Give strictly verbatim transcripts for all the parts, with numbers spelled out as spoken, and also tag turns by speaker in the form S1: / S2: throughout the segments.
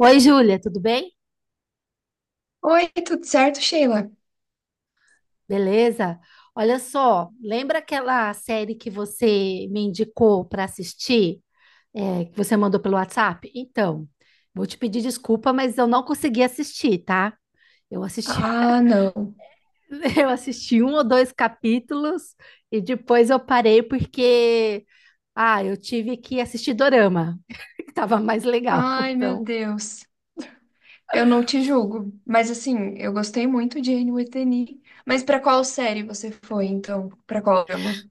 S1: Oi, Júlia, tudo bem?
S2: Oi, tudo certo, Sheila?
S1: Beleza? Olha só, lembra aquela série que você me indicou para assistir, é, que você mandou pelo WhatsApp? Então, vou te pedir desculpa, mas eu não consegui assistir, tá? Eu assisti,
S2: Ah, não.
S1: eu assisti um ou dois capítulos e depois eu parei porque, ah, eu tive que assistir Dorama, que tava mais legal,
S2: Ai, meu
S1: então.
S2: Deus. Eu não te julgo, mas assim, eu gostei muito de Anne with an E. Mas pra qual série você foi, então? Pra qual drama?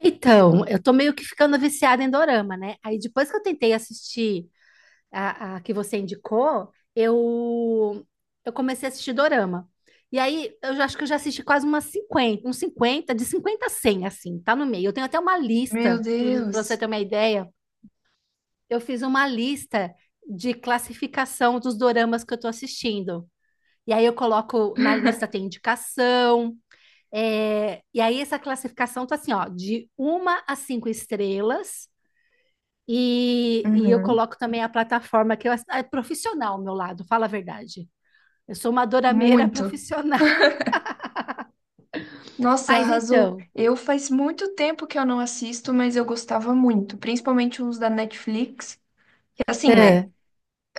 S1: Então, eu tô meio que ficando viciada em Dorama, né? Aí depois que eu tentei assistir a, a que você indicou, eu, eu comecei a assistir Dorama. E aí, eu já- acho que eu já assisti quase umas cinquenta, uns cinquenta de cinquenta a cem, assim, tá no meio. Eu tenho até uma
S2: Meu
S1: lista, para você
S2: Deus.
S1: ter uma ideia. Eu fiz uma lista de classificação dos doramas que eu tô assistindo. E aí, eu coloco na lista, tem indicação. É, e aí, essa classificação tá assim, ó, de uma a cinco estrelas e, e eu
S2: Uhum.
S1: coloco também a plataforma que eu, é profissional ao meu lado, fala a verdade. Eu sou uma dorameira
S2: Muito.
S1: profissional.
S2: Nossa,
S1: Mas
S2: arrasou.
S1: então,
S2: Eu faz muito tempo que eu não assisto, mas eu gostava muito, principalmente uns da Netflix. Que assim, né?
S1: é,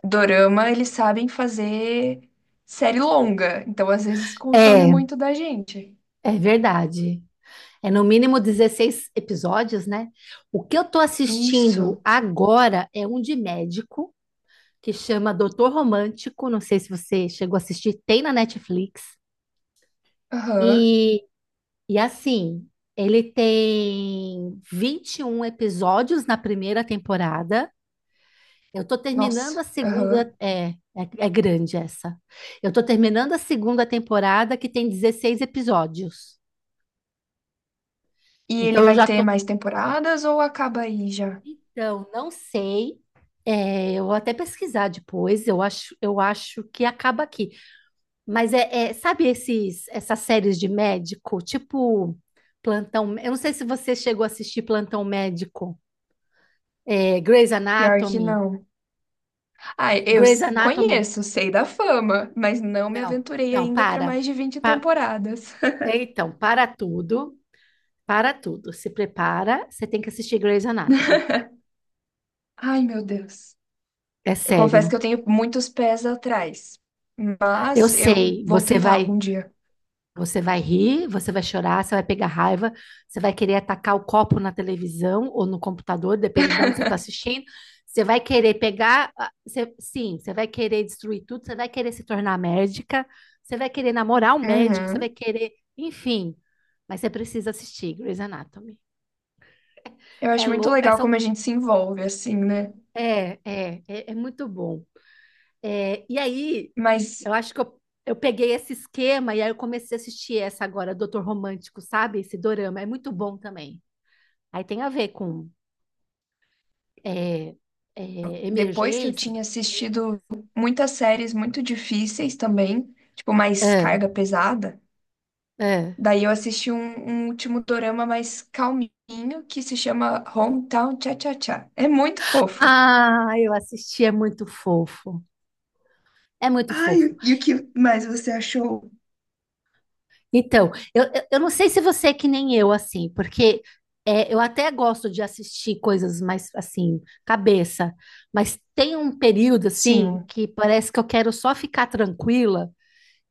S2: Dorama, eles sabem fazer série longa, então às vezes consome
S1: é,
S2: muito da gente.
S1: é verdade. É no mínimo dezesseis episódios, né? O que eu tô assistindo
S2: Isso.
S1: agora é um de médico que chama Doutor Romântico. Não sei se você chegou a assistir, tem na Netflix.
S2: Aham.
S1: E, e assim, Ele tem vinte e um episódios na primeira temporada. Eu tô terminando a
S2: Nossa.
S1: segunda.
S2: Aham.
S1: É, é, é grande essa. Eu tô terminando a segunda temporada, que tem dezesseis episódios.
S2: E ele
S1: Então eu
S2: vai
S1: já
S2: ter
S1: tô.
S2: mais temporadas ou acaba aí já?
S1: Então, não sei. É, eu vou até pesquisar depois. Eu acho, eu acho que acaba aqui. Mas é, é, sabe esses, essas séries de médico, tipo Plantão. Eu não sei se você chegou a assistir Plantão Médico, é, Grey's
S2: Pior que
S1: Anatomy.
S2: não. Ah, eu
S1: Grey's
S2: s-
S1: Anatomy.
S2: conheço, sei da fama, mas não me
S1: Não,
S2: aventurei
S1: não,
S2: ainda para
S1: para.
S2: mais de vinte temporadas.
S1: É, Então, para tudo. Para tudo, se prepara, você tem que assistir Grey's Anatomy.
S2: Ai, meu Deus.
S1: É
S2: Eu confesso que
S1: sério.
S2: eu tenho muitos pés atrás,
S1: Eu
S2: mas eu
S1: sei,
S2: vou
S1: você
S2: tentar
S1: vai,
S2: algum dia.
S1: você vai rir, você vai chorar, você vai pegar raiva, você vai querer atacar o copo na televisão ou no computador, depende de onde você está assistindo. Você vai querer pegar, ah, você- sim, você vai querer destruir tudo, você vai querer se tornar médica, você vai querer namorar um médico, você vai
S2: Uhum.
S1: querer, enfim. Mas você precisa assistir Grey's Anatomy.
S2: Eu
S1: É,
S2: acho muito
S1: lou- é,
S2: legal
S1: são,
S2: como a gente se envolve assim, né?
S1: é, é, é, é muito bom. É, e aí,
S2: Mas
S1: Eu acho que eu, eu peguei esse esquema e aí eu comecei a assistir essa agora, Doutor Romântico, sabe? Esse dorama. É muito bom também. Aí tem a ver com é, é,
S2: depois que eu
S1: emergências.
S2: tinha
S1: Emergências.
S2: assistido muitas séries muito difíceis também, tipo, mais
S1: É,
S2: carga pesada.
S1: é.
S2: Daí eu assisti um, um último dorama mais calminho que se chama Hometown Cha-Cha-Cha. É muito fofo.
S1: Ah, eu assisti, é muito fofo. É muito fofo.
S2: Ai, e o que mais você achou?
S1: Então, eu, eu, eu não sei se você é que nem eu, assim, porque é, eu até gosto de assistir coisas mais, assim, cabeça, mas tem um período, assim,
S2: Sim.
S1: que parece que eu quero só ficar tranquila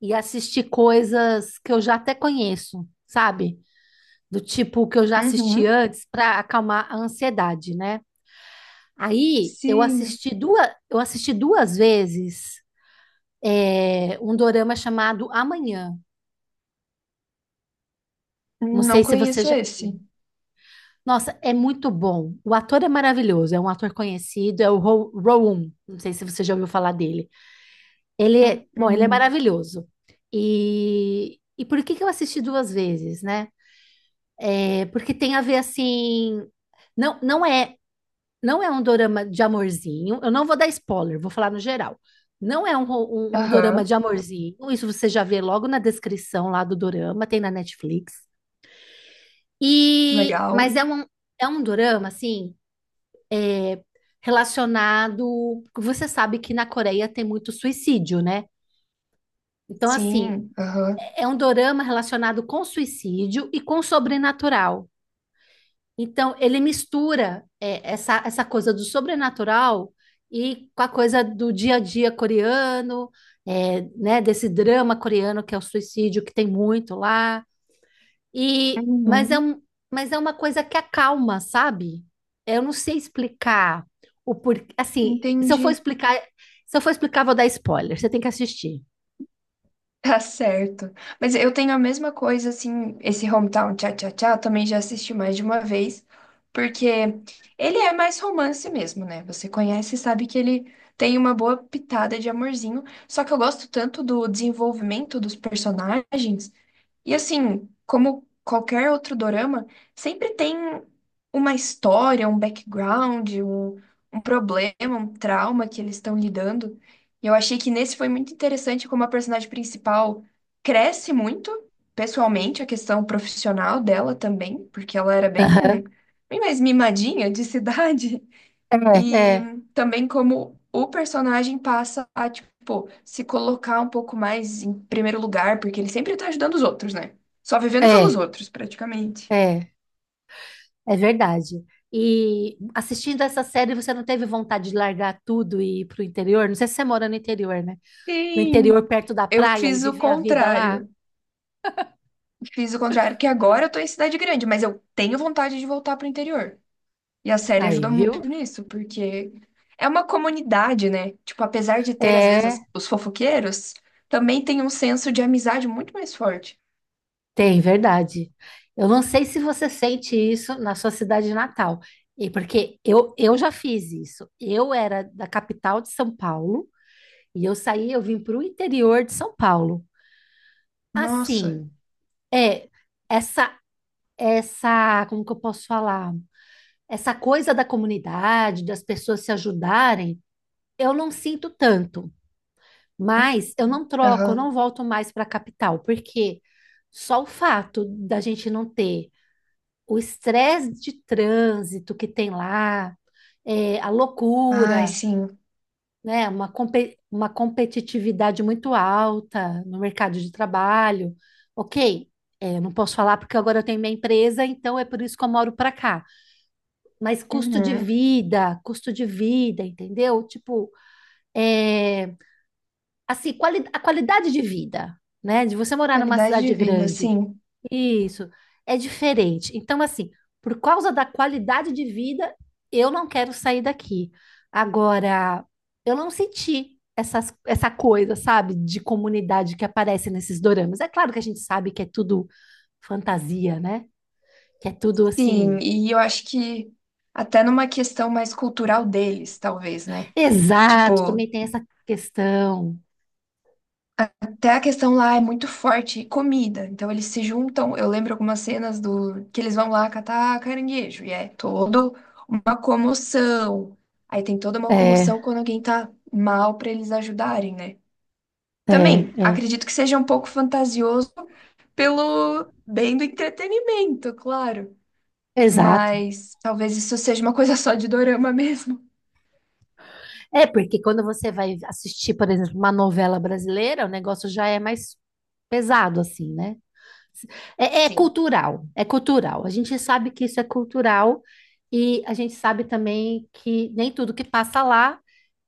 S1: e assistir coisas que eu já até conheço, sabe? Do tipo que eu já assisti
S2: Uhum.
S1: antes para acalmar a ansiedade, né? Aí eu
S2: Sim.
S1: assisti duas, eu assisti duas vezes é, um dorama chamado Amanhã. Não
S2: Não
S1: sei se você
S2: conheço
S1: já.
S2: esse.
S1: Nossa, é muito bom. O ator é maravilhoso, é um ator conhecido, é o Ro- Rowan. Não sei se você já ouviu falar dele. Ele é, bom, ele é
S2: Uhum.
S1: maravilhoso. E, e por que que eu assisti duas vezes, né? É, porque tem a ver assim, não, não é, não é um dorama de amorzinho. Eu não vou dar spoiler, vou falar no geral. Não é um, ro- um, um dorama de
S2: Aham.
S1: amorzinho. Isso você já vê logo na descrição lá do dorama, tem na Netflix. E,
S2: Legal.
S1: mas é um, é um dorama assim relacionado. Você sabe que na Coreia tem muito suicídio, né? Então assim,
S2: Sim. Aham.
S1: é um dorama relacionado com suicídio e com sobrenatural. Então, ele mistura é, essa, essa coisa do sobrenatural e com a coisa do dia a dia coreano, é, né, desse drama coreano que é o suicídio, que tem muito lá. E, mas é
S2: Uhum.
S1: um, mas é uma coisa que acalma, sabe? Eu não sei explicar o porquê. Assim, se eu
S2: Entendi.
S1: for explicar, se eu for explicar, vou dar spoiler. Você tem que assistir.
S2: Tá certo. Mas eu tenho a mesma coisa, assim, esse Hometown Cha-Cha-Cha, eu também já assisti mais de uma vez, porque ele é mais romance mesmo, né? Você conhece e sabe que ele tem uma boa pitada de amorzinho, só que eu gosto tanto do desenvolvimento dos personagens, e assim, como qualquer outro dorama, sempre tem uma história, um background, um, um problema, um trauma que eles estão lidando. Eu achei que nesse foi muito interessante como a personagem principal cresce muito, pessoalmente, a questão profissional dela também, porque ela era bem,
S1: Aham.
S2: bem mais mimadinha de cidade.
S1: É,
S2: E
S1: é,
S2: também como o personagem passa a, tipo, se colocar um pouco mais em primeiro lugar, porque ele sempre tá ajudando os outros, né? Só vivendo pelos outros, praticamente.
S1: é, é. É verdade. E assistindo essa série, você não teve vontade de largar tudo e ir pro interior? Não sei se você mora no interior, né? No
S2: Sim.
S1: interior, perto da
S2: Eu
S1: praia e
S2: fiz o
S1: viver a vida lá?
S2: contrário. Fiz o contrário, que agora
S1: É.
S2: eu tô em cidade grande, mas eu tenho vontade de voltar pro interior. E a série
S1: Aí,
S2: ajuda muito
S1: viu?
S2: nisso, porque é uma comunidade, né? Tipo, apesar de ter, às vezes,
S1: É,
S2: as- os fofoqueiros, também tem um senso de amizade muito mais forte.
S1: tem, verdade. Eu não sei se você sente isso na sua cidade natal. E porque eu, eu já fiz isso. Eu era da capital de São Paulo e eu saí, eu vim pro interior de São Paulo.
S2: Nossa.
S1: Assim, é essa essa, como que eu posso falar? Essa coisa da comunidade, das pessoas se ajudarem, eu não sinto tanto. Mas eu não troco, eu
S2: Aham.
S1: não volto mais para a capital, porque só o fato da gente não ter o estresse de trânsito que tem lá, é, a
S2: Ai,
S1: loucura,
S2: sim.
S1: né, uma, compe- uma competitividade muito alta no mercado de trabalho. Ok, é, eu não posso falar porque agora eu tenho minha empresa, então é por isso que eu moro para cá. Mas custo de
S2: Uhum.
S1: vida, custo de vida, entendeu? Tipo, é, assim, quali- a qualidade de vida, né? De você morar numa
S2: Qualidade de
S1: cidade
S2: vida,
S1: grande.
S2: sim.
S1: Isso, é diferente. Então, assim, por causa da qualidade de vida, eu não quero sair daqui. Agora, eu não senti essas, essa coisa, sabe, de comunidade que aparece nesses doramas. É claro que a gente sabe que é tudo fantasia, né? Que é tudo
S2: Sim,
S1: assim.
S2: e eu acho que até numa questão mais cultural deles, talvez, né?
S1: Exato,
S2: Tipo,
S1: também tem essa questão.
S2: até a questão lá é muito forte, comida. Então eles se juntam. Eu lembro algumas cenas do que eles vão lá catar caranguejo. E é toda uma comoção. Aí tem toda uma
S1: É, é,
S2: comoção quando alguém tá mal pra eles ajudarem, né? Também
S1: é.
S2: acredito que seja um pouco fantasioso pelo bem do entretenimento, claro.
S1: Exato.
S2: Mas talvez isso seja uma coisa só de dorama mesmo.
S1: É, porque quando você vai assistir, por exemplo, uma novela brasileira, o negócio já é mais pesado, assim, né? É, é
S2: Sim,
S1: cultural, é cultural. A gente sabe que isso é cultural e a gente sabe também que nem tudo que passa lá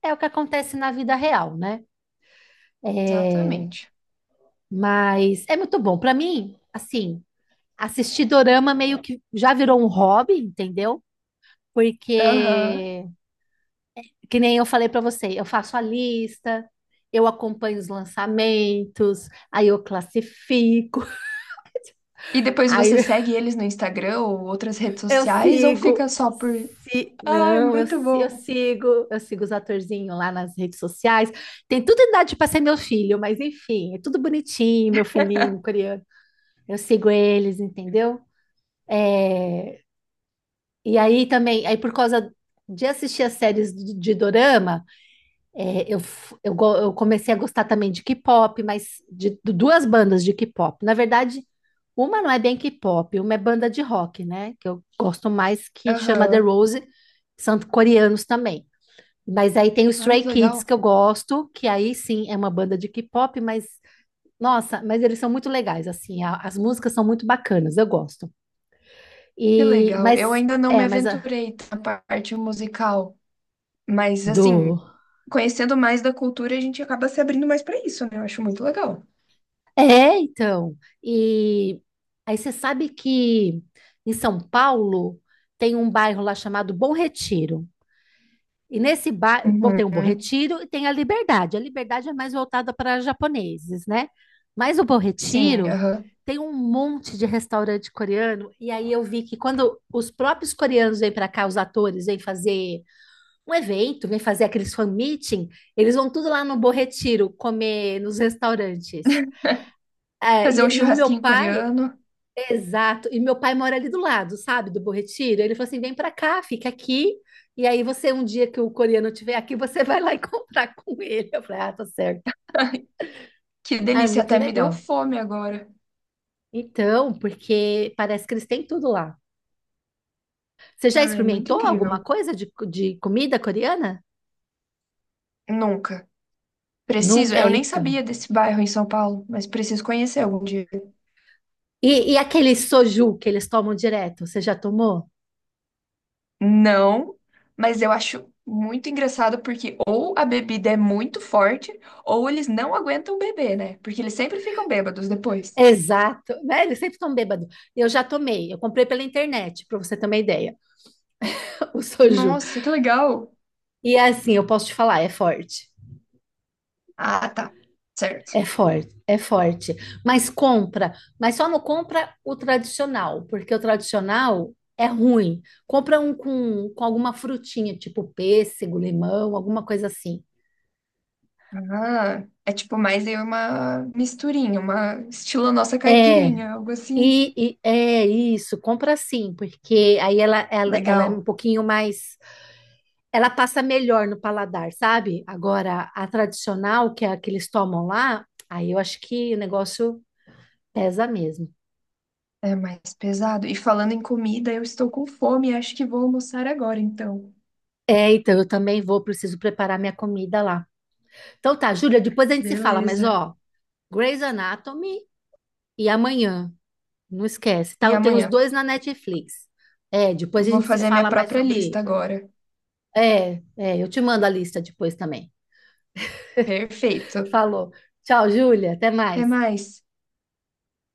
S1: é o que acontece na vida real, né? É,
S2: exatamente.
S1: mas é muito bom. Para mim, assim, assistir dorama meio que já virou um hobby, entendeu?
S2: Aham.
S1: Porque que nem eu falei para você, eu faço a lista, eu acompanho os lançamentos, aí eu classifico,
S2: E depois
S1: aí
S2: você segue eles no Instagram ou outras redes
S1: eu
S2: sociais ou fica
S1: sigo.
S2: só por.
S1: Se-
S2: Ai,
S1: Não, eu,
S2: muito
S1: si-
S2: bom.
S1: eu sigo, eu sigo os atorzinhos lá nas redes sociais. Tem tudo idade para ser meu filho, mas enfim, é tudo bonitinho, meu filhinho coreano. Eu sigo eles, entendeu? E aí também, aí por causa de assistir as séries de de dorama, É, eu, f- eu, go- eu comecei a gostar também de K-pop, mas de, de duas bandas de K-pop. Na verdade, uma não é bem K-pop, uma é banda de rock, né? Que eu gosto mais, que chama The
S2: Aham.
S1: Rose, são coreanos também. Mas aí tem o
S2: Ai,
S1: Stray
S2: que legal.
S1: Kids que eu gosto, que aí sim é uma banda de K-pop, mas nossa, mas eles são muito legais, assim, a- as músicas são muito bacanas, eu gosto.
S2: Que
S1: E
S2: legal. Eu
S1: mas
S2: ainda não me
S1: é, mas a-
S2: aventurei na parte musical, mas assim,
S1: do
S2: conhecendo mais da cultura, a gente acaba se abrindo mais pra isso, né? Eu acho muito legal.
S1: É, então. E aí você sabe que em São Paulo tem um bairro lá chamado Bom Retiro. E nesse bairro tem o Bom
S2: Uhum.
S1: Retiro e tem a Liberdade. A Liberdade é mais voltada para japoneses, né? Mas o Bom
S2: Sim,
S1: Retiro
S2: aham.
S1: tem um monte de restaurante coreano. E aí eu vi que quando os próprios coreanos vêm para cá, os atores vêm fazer um evento, vêm fazer aqueles fan meeting, eles vão tudo lá no Bom Retiro comer nos restaurantes. É,
S2: Fazer um
S1: e, e o meu
S2: churrasquinho
S1: pai,
S2: coreano.
S1: exato, e meu pai mora ali do lado, sabe, do Bom Retiro. Ele falou assim: vem pra cá, fica aqui. E aí você, um dia que o coreano estiver aqui, você vai lá e comprar com ele. Eu falei: ah, tá certo.
S2: Que
S1: Ah, é
S2: delícia,
S1: muito
S2: até me deu
S1: legal.
S2: fome agora.
S1: Então, porque parece que eles têm tudo lá. Você já
S2: Ai, muito
S1: experimentou alguma
S2: incrível.
S1: coisa de, de comida coreana?
S2: Nunca. Preciso,
S1: Nunca.
S2: eu
S1: É,
S2: nem
S1: então.
S2: sabia desse bairro em São Paulo, mas preciso conhecer algum dia.
S1: E, e aquele soju que eles tomam direto, você já tomou?
S2: Não, mas eu acho muito engraçado porque ou a bebida é muito forte, ou eles não aguentam beber, né? Porque eles sempre ficam bêbados depois.
S1: Exato, né? Eles sempre estão bêbados. Eu já tomei, eu comprei pela internet, para você ter uma ideia. O soju.
S2: Nossa, que legal!
S1: E é assim, eu posso te falar, é forte.
S2: Ah, tá. Certo.
S1: É forte, é forte. Mas compra, mas só não compra o tradicional, porque o tradicional é ruim. Compra um com, com alguma frutinha, tipo pêssego, limão, alguma coisa assim.
S2: Ah, é tipo mais aí uma misturinha, uma estilo nossa
S1: É,
S2: caipirinha, algo assim.
S1: e, e- é isso, compra sim, porque aí ela, ela, ela é um
S2: Legal.
S1: pouquinho mais. Ela passa melhor no paladar, sabe? Agora, a tradicional, que é a que eles tomam lá, aí eu acho que o negócio pesa mesmo.
S2: É mais pesado. E falando em comida, eu estou com fome e acho que vou almoçar agora, então.
S1: É, então eu também vou, preciso preparar minha comida lá. Então tá, Júlia, depois a gente se fala, mas
S2: Beleza.
S1: ó, Grey's Anatomy e amanhã, não esquece,
S2: E
S1: tá? Tem os
S2: amanhã?
S1: dois na Netflix. É, depois a
S2: Vou
S1: gente se
S2: fazer a minha
S1: fala mais
S2: própria
S1: sobre
S2: lista
S1: isso.
S2: agora.
S1: É, é, eu te mando a lista depois também.
S2: Perfeito.
S1: Falou. Tchau, Júlia, até
S2: Até
S1: mais.
S2: mais.